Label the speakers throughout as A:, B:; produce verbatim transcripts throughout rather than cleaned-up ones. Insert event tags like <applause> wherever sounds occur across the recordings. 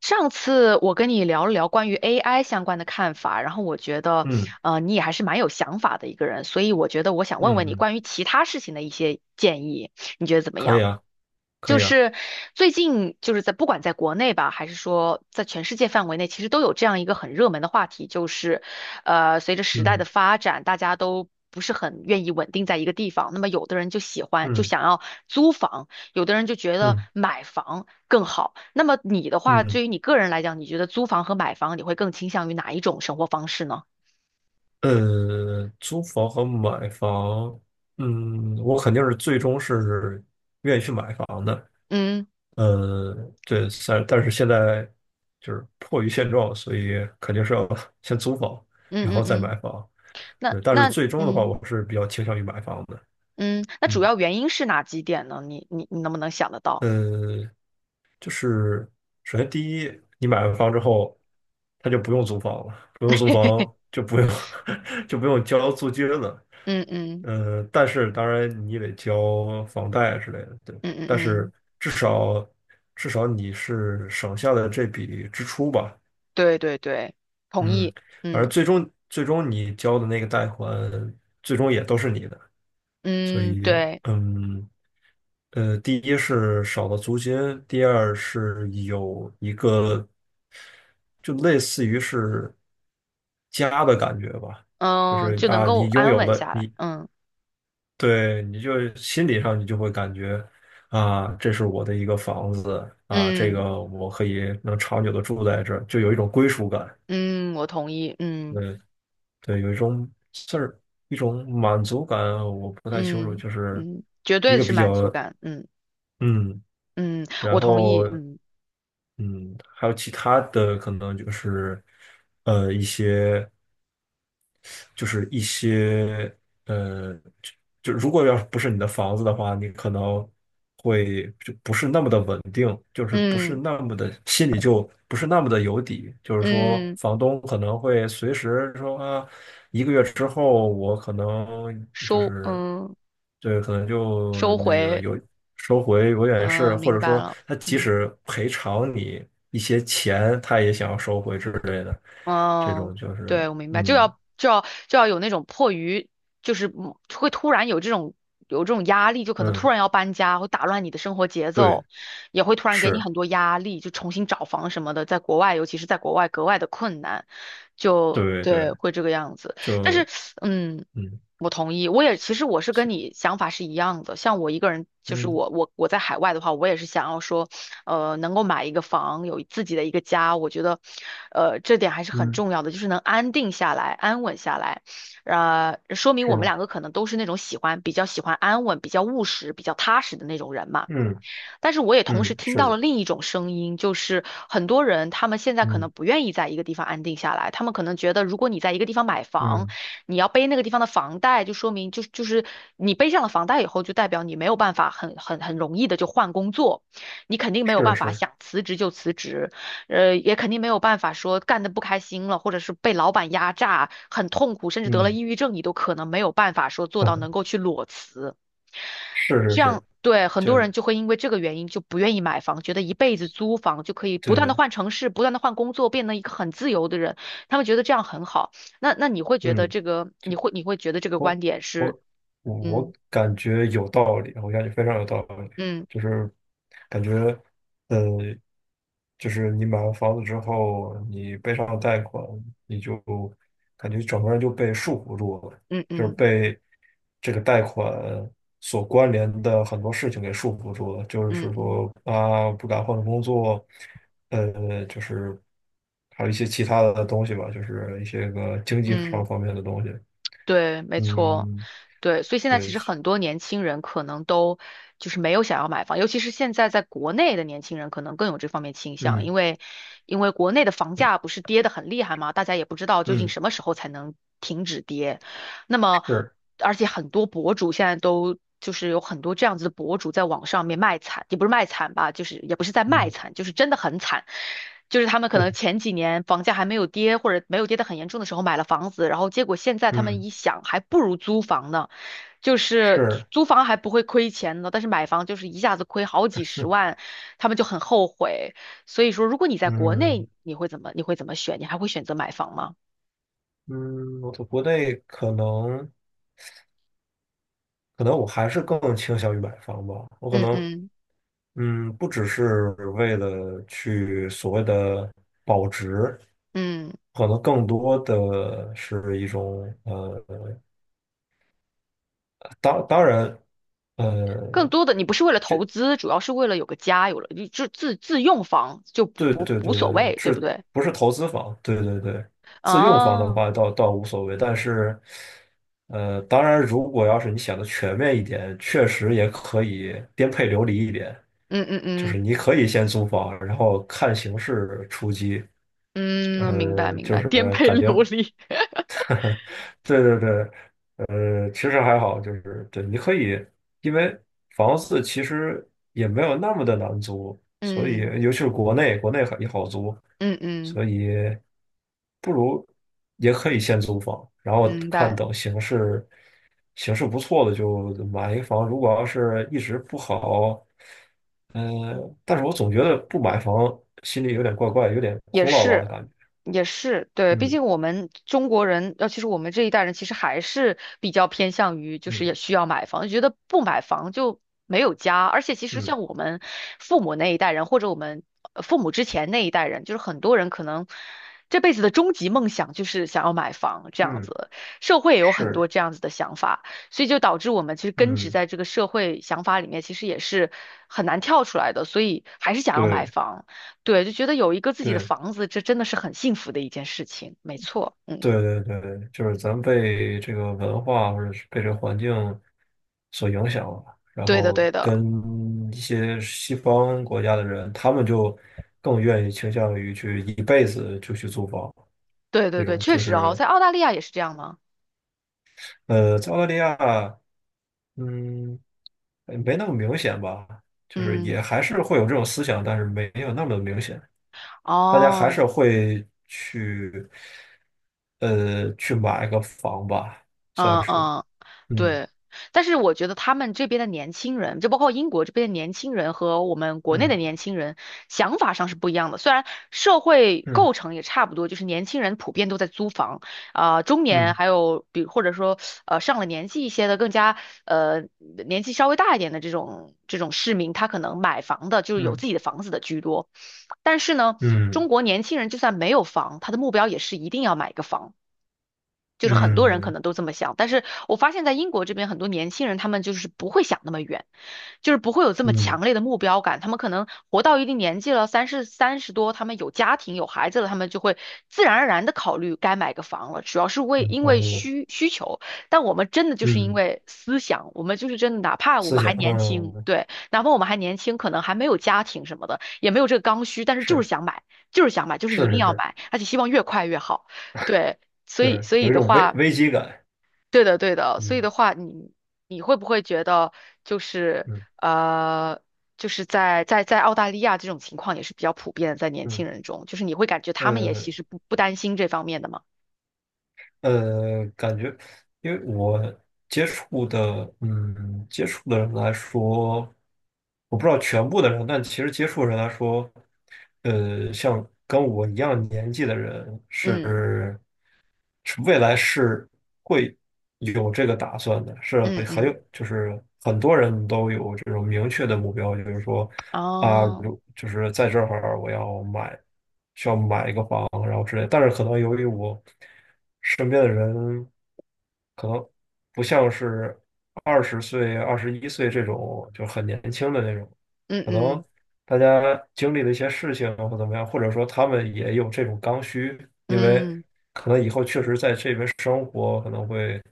A: 上次我跟你聊了聊关于 A I 相关的看法，然后我觉得，
B: 嗯
A: 呃，你也还是蛮有想法的一个人，所以我觉得我想问问
B: 嗯
A: 你
B: 嗯，
A: 关于其他事情的一些建议，你觉得怎么
B: 可以
A: 样？
B: 啊，可
A: 就
B: 以啊，
A: 是最近就是在不管在国内吧，还是说在全世界范围内，其实都有这样一个很热门的话题，就是，呃，随着时代的
B: 嗯
A: 发展，大家都不是很愿意稳定在一个地方，那么有的人就喜欢就
B: 嗯
A: 想要租房，有的人就觉得
B: 嗯
A: 买房更好。那么你的话，
B: 嗯，
A: 对于你个人来讲，你觉得租房和买房，你会更倾向于哪一种生活方式呢？
B: 嗯呃，租房和买房，嗯，我肯定是最终是愿意去买房的，
A: 嗯
B: 呃，对，但但是现在就是迫于现状，所以肯定是要 <laughs> 先租房，
A: 嗯
B: 然后
A: 嗯
B: 再买
A: 嗯，
B: 房，
A: 那
B: 对，但是
A: 那
B: 最终的话，
A: 嗯
B: 我是比较倾向于买房的，
A: 嗯，那主
B: 嗯，
A: 要原因是哪几点呢？你你你能不能想得到？
B: 呃就是首先第一，你买完房之后，他就不用租房了，不用租房
A: <laughs>
B: 就不用 <laughs> 就不用交租金了。
A: 嗯嗯
B: 呃，但是当然你也得交房贷之类的，对。
A: 嗯嗯
B: 但是
A: 嗯，
B: 至少至少你是省下了这笔支出吧，
A: 对对对，同
B: 嗯。
A: 意。
B: 而
A: 嗯
B: 最终最终你交的那个贷款，最终也都是你的，所
A: 嗯，
B: 以
A: 对，
B: 嗯。呃，第一是少了租金，第二是有一个就类似于是家的感觉吧，就
A: 嗯，
B: 是
A: 就能
B: 啊，
A: 够
B: 你拥
A: 安
B: 有
A: 稳
B: 了
A: 下来。
B: 你，
A: 嗯
B: 对，你就心理上你就会感觉啊，这是我的一个房子啊，这
A: 嗯
B: 个我可以能长久的住在这儿，就有一种归属感，
A: 嗯，我同意。嗯
B: 对对，有一种事儿，一种满足感，我不太清楚，
A: 嗯
B: 就是
A: 嗯，绝
B: 一
A: 对
B: 个
A: 是
B: 比
A: 满足
B: 较
A: 感。嗯。
B: 嗯。
A: 嗯，
B: 然
A: 我同
B: 后
A: 意。嗯
B: 嗯，还有其他的可能就是，呃，一些，就是一些呃，就就如果要是不是你的房子的话，你可能会就不是那么的稳定，就是不是
A: 嗯
B: 那么的心里就不是那么的有底，就是说
A: 嗯，
B: 房东可能会随时说啊，一个月之后我可能就
A: 收
B: 是
A: 嗯
B: 对，可能就
A: 收
B: 那个
A: 回，
B: 有收回有点是
A: 嗯，
B: 或
A: 明
B: 者
A: 白
B: 说
A: 了。
B: 他即
A: 嗯。
B: 使赔偿你一些钱，他也想要收回之类的，这种
A: 嗯，
B: 就
A: 对，
B: 是
A: 我明白，就
B: 嗯。
A: 要就要就要有那种迫于，就是嗯会突然有这种有这种压力，就可能突
B: 嗯，
A: 然要搬家，会打乱你的生活节
B: 对，
A: 奏，也会突然给你
B: 是，
A: 很多压力，就重新找房什么的，在国外，尤其是在国外格外的困难，就
B: 对
A: 对，
B: 对，
A: 会这个样子。但是，
B: 就
A: 嗯，
B: 嗯
A: 我同意，我也其实我是跟
B: 是
A: 你想法是一样的，像我一个人，就是
B: 嗯
A: 我我我在海外的话，我也是想要说。呃，能够买一个房，有自己的一个家，我觉得，呃，这点还是很
B: 嗯
A: 重要的，就是能安定下来、安稳下来。呃，说明
B: 是
A: 我们
B: 吗？
A: 两个可能都是那种喜欢比较喜欢安稳、比较务实、比较踏实的那种人嘛。
B: 嗯
A: 但是我也同时
B: 嗯
A: 听到了
B: 是，
A: 另一种声音，就是很多人他们现在可
B: 嗯
A: 能不愿意在一个地方安定下来，他们可能觉得如果你在一个地方买房，
B: 嗯
A: 你要背那个地方的房贷，就说明就是就是你背上了房贷以后，就代表你没有办法很很很容易的就换工作，你肯定没有
B: 是
A: 办法
B: 是，
A: 想辞职就辞职，呃，也肯定没有办法说干的不开心了，或者是被老板压榨，很痛苦，甚至得了
B: 嗯
A: 抑郁症，你都可能没有办法说做到能
B: <laughs>
A: 够去裸辞。
B: 是是
A: 这样
B: 是，
A: 对很
B: 就
A: 多
B: 是
A: 人就会因为这个原因就不愿意买房，觉得一辈子租房就可以不断的
B: 对，
A: 换城市，不断的换工作，变成一个很自由的人。他们觉得这样很好。那那你会觉得
B: 嗯，
A: 这个，你
B: 就
A: 会你会觉得这个
B: 我
A: 观点是，
B: 我我感觉有道理，我感觉非常有道理，
A: 嗯
B: 就是感觉呃就是你买完房子之后，你背上贷款，你就感觉整个人就被束缚住了，
A: 嗯
B: 就是
A: 嗯
B: 被这个贷款所关联的很多事情给束缚住了。就
A: 嗯
B: 是
A: 嗯嗯
B: 说啊，不敢换工作，呃，就是还有一些其他的东西吧，就是一些个经济
A: 嗯。
B: 上
A: 嗯
B: 方面的东西。
A: 对，没错，
B: 嗯，
A: 对，所以现在其
B: 对，
A: 实很多年轻人可能都就是没有想要买房，尤其是现在在国内的年轻人可能更有这方面倾向，
B: 嗯
A: 因为因为国内的房价不是跌得很厉害嘛，大家也不知道究竟
B: 嗯
A: 什么时候才能停止跌，那么，
B: 是，
A: 而且很多博主现在都就是有很多这样子的博主在网上面卖惨，也不是卖惨吧，就是也不是在卖
B: 嗯
A: 惨，就是真的很惨。就是他们可能
B: <laughs>
A: 前几年房价还没有跌，或者没有跌得很严重的时候买了房子，然后结果现在他们
B: 嗯
A: 一想，还不如租房呢，就是租
B: 是，
A: 租房还不会亏钱呢，但是买房就是一下子亏好几十万，他们就很后悔。所以说，如果你在国
B: 嗯
A: 内，你会怎么你会怎么选？你还会选择买房吗？
B: 嗯，我在国内可能。可能我还是更倾向于买房吧。我可
A: 嗯
B: 能，
A: 嗯
B: 嗯，不只是为了去所谓的保值，
A: 嗯。
B: 可能更多的是一种，呃，当当然，
A: 更
B: 呃，
A: 多的你不是为了投资，主要是为了有个家，有了你就自自用房就不
B: 对
A: 不
B: 对
A: 无
B: 对对
A: 所
B: 对，
A: 谓，对不
B: 是
A: 对？
B: 不是投资房？对对对，自用房
A: 啊，
B: 的
A: 嗯
B: 话倒倒无所谓，但是，呃，当然，如果要是你想的全面一点，确实也可以颠沛流离一点。
A: 嗯
B: 就
A: 嗯
B: 是你可以先租房，然后看形势出击。
A: 嗯，明白
B: 呃，
A: 明
B: 就
A: 白，
B: 是
A: 颠沛
B: 感觉，
A: 流离，
B: 对对对，呃，其实还好，就是对，你可以，因为房子其实也没有那么的难租，
A: <laughs>
B: 所以
A: 嗯
B: 尤其是国内，国内很也好租，
A: 嗯嗯，
B: 所以不如也可以先租房，然后
A: 明
B: 看
A: 白。
B: 等形势，形势不错的就买一房，如果要是一直不好，呃，但是我总觉得不买房心里有点怪怪，有点
A: 也
B: 空落落的
A: 是，
B: 感觉，
A: 也是，对，毕
B: 嗯
A: 竟我们中国人，尤其实我们这一代人，其实还是比较偏向于就是
B: 嗯
A: 也需要买房，觉得不买房就没有家。而且其实
B: 嗯。
A: 像我们父母那一代人，或者我们呃父母之前那一代人，就是很多人可能这辈子的终极梦想就是想要买房这样
B: 嗯，
A: 子，社会也有很
B: 是，
A: 多这样子的想法，所以就导致我们其实根植
B: 嗯，
A: 在这个社会想法里面，其实也是很难跳出来的，所以还是想要买
B: 对，
A: 房。对，就觉得有一个自己的
B: 对，
A: 房子，这真的是很幸福的一件事情。没错，嗯，
B: 对，对，对，就是咱们被这个文化或者是被这个环境所影响了，然
A: 对的，
B: 后
A: 对的，
B: 跟一些西方国家的人，他们就更愿意倾向于去一辈子就去租房，
A: 对对
B: 这
A: 对，
B: 种
A: 确
B: 就
A: 实哦，
B: 是
A: 在澳大利亚也是这样吗？
B: 呃，在澳大利亚，嗯，呃没那么明显吧，就是
A: 嗯，
B: 也还是会有这种思想，但是没有那么明显。大家还是
A: 哦，
B: 会去呃去买个房吧，
A: 嗯
B: 算是，
A: 嗯
B: 嗯
A: 对，但是我觉得他们这边的年轻人，就包括英国这边的年轻人和我们国内的
B: 嗯
A: 年轻人想法上是不一样的。虽然社会
B: 嗯
A: 构成也差不多，就是年轻人普遍都在租房，啊、中年
B: 嗯
A: 还有比或者说呃上了年纪一些的，更加呃年纪稍微大一点的这种这种市民，他可能买房的就是有
B: 嗯
A: 自己的房子的居多。但是呢，
B: 嗯
A: 中国年轻人就算没有房，他的目标也是一定要买一个房。就是很多人可
B: 嗯
A: 能都这么想，但是我发现在英国这边很多年轻人，他们就是不会想那么远，就是不会有这么强
B: 嗯，
A: 烈的目标感。他们可能活到一定年纪了，三十三十多，他们有家庭有孩子了，他们就会自然而然的考虑该买个房了，主要是为因为
B: 房子，
A: 需需求。但我们真的就是因
B: 嗯，
A: 为思想，我们就是真的，哪怕我
B: 思
A: 们
B: 想，
A: 还年轻，
B: 嗯，
A: 对，哪怕我们还年轻，可能还没有家庭什么的，也没有这个刚需，但是就是
B: 是
A: 想买，就是想买，就是一
B: 是
A: 定
B: 是
A: 要
B: 是，
A: 买，而且希望越快越好。对，所以，
B: 是
A: 所以
B: 有一
A: 的
B: 种危
A: 话，
B: 危机感，
A: 对的，对的，所以
B: 嗯
A: 的话，你你会不会觉得就是
B: 嗯
A: 呃，就是在在在澳大利亚这种情况也是比较普遍的，在年轻
B: 嗯，
A: 人中，就是你会感觉他们也其
B: 呃。
A: 实不不担心这方面的吗？
B: 呃，感觉，因为我接触的，嗯，接触的人来说，我不知道全部的人，但其实接触的人来说，呃，像跟我一样年纪的人
A: 嗯
B: 是，是未来是会有这个打算的，是
A: 嗯
B: 很
A: 嗯，
B: 有，就是很多人都有这种明确的目标，就是说，啊，
A: 哦，
B: 如就是在这会儿我要买。需要买一个房，然后之类的但是可能由于我身边的人可能不像是二十岁、二十一岁这种就很年轻的那种，
A: 嗯
B: 可能
A: 嗯
B: 大家经历的一些事情或怎么样，或者说他们也有这种刚需，因为
A: 嗯
B: 可能以后确实在这边生活，可能会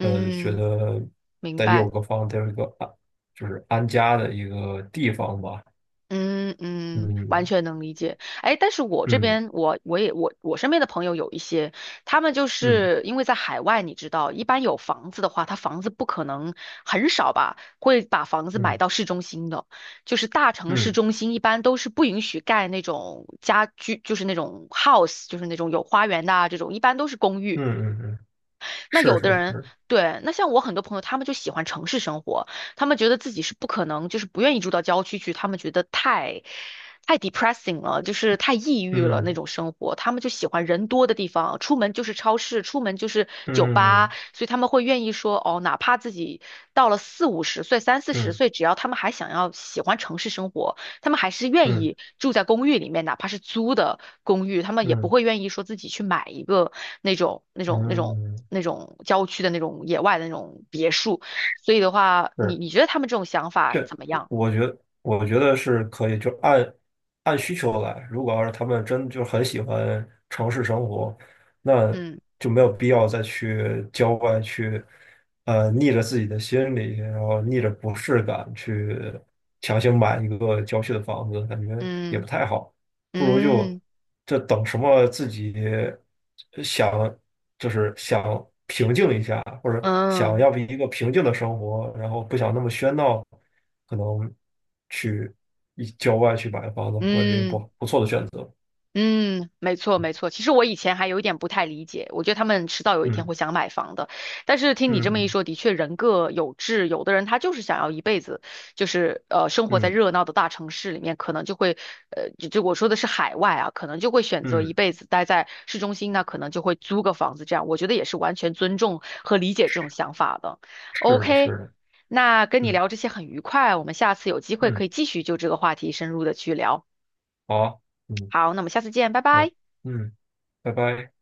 B: 呃觉得
A: 明
B: 得有
A: 白。
B: 个房，得有一个安，就是安家的一个地方吧。
A: 嗯嗯，完
B: 嗯
A: 全能理解。哎，但是我这
B: 嗯
A: 边，我我也我我身边的朋友有一些，他们就
B: 嗯
A: 是因为在海外，你知道，一般有房子的话，他房子不可能很少吧，会把房子买
B: 嗯
A: 到市中心的，就是大城市
B: 嗯。
A: 中心一般都是不允许盖那种家居，就是那种 house，就是那种有花园的啊，这种一般都是公
B: 嗯
A: 寓。
B: 嗯嗯，
A: 那
B: 是
A: 有的
B: 是
A: 人，
B: 是，
A: 对，那像我很多朋友，他们就喜欢城市生活，他们觉得自己是不可能，就是不愿意住到郊区去，他们觉得太太 depressing 了，就是太抑郁了那
B: 嗯
A: 种生活，他们就喜欢人多的地方，出门就是超市，出门就是酒吧，
B: 嗯
A: 所以他们会愿意说，哦，哪怕自己到了四五十岁、三四十
B: 嗯
A: 岁，只要他们还想要喜欢城市生活。他们还是愿
B: 嗯
A: 意住在公寓里面，哪怕是租的公寓，他们也不
B: 嗯
A: 会愿意说自己去买一个那种那种那种
B: 嗯，
A: 那种郊区的那种野外的那种别墅。所以的话，你
B: 是
A: 你觉得他们这种想法
B: 这，
A: 怎么样？
B: 我觉得我觉得是可以，就按按需求来。如果要是他们真就很喜欢城市生活，那
A: 嗯
B: 就没有必要再去郊外去，呃，逆着自己的心理，然后逆着不适感去强行买一个郊区的房子，感觉也
A: 嗯
B: 不太好。不如就
A: 嗯嗯
B: 这等什么自己呃想，就是想平静一下，或者想
A: 嗯
B: 要一个平静的生活，然后不想那么喧闹，可能去一郊外去买房子，或者是一个不
A: 嗯
B: 不错的选择。
A: 嗯，没错没错。其实我以前还有一点不太理解，我觉得他们迟早有一天
B: 嗯
A: 会想买房的。但是听你这么一
B: 嗯
A: 说，的确人各有志，有的人他就是想要一辈子，就是呃生活在
B: 嗯
A: 热闹的大城市里面，可能就会呃就就我说的是海外啊，可能就会选择
B: 嗯，
A: 一
B: 嗯
A: 辈子待在市中心，那可能就会租个房子这样。我觉得也是完全尊重和理解这种想法的。
B: 是的，
A: OK，
B: 是的，
A: 那跟你
B: 嗯
A: 聊这些很愉快，我们下次有机会可
B: 嗯，
A: 以继续就这个话题深入的去聊。
B: 好啊嗯
A: 好，那我们下次见，拜
B: 嗯
A: 拜。
B: 嗯，拜拜。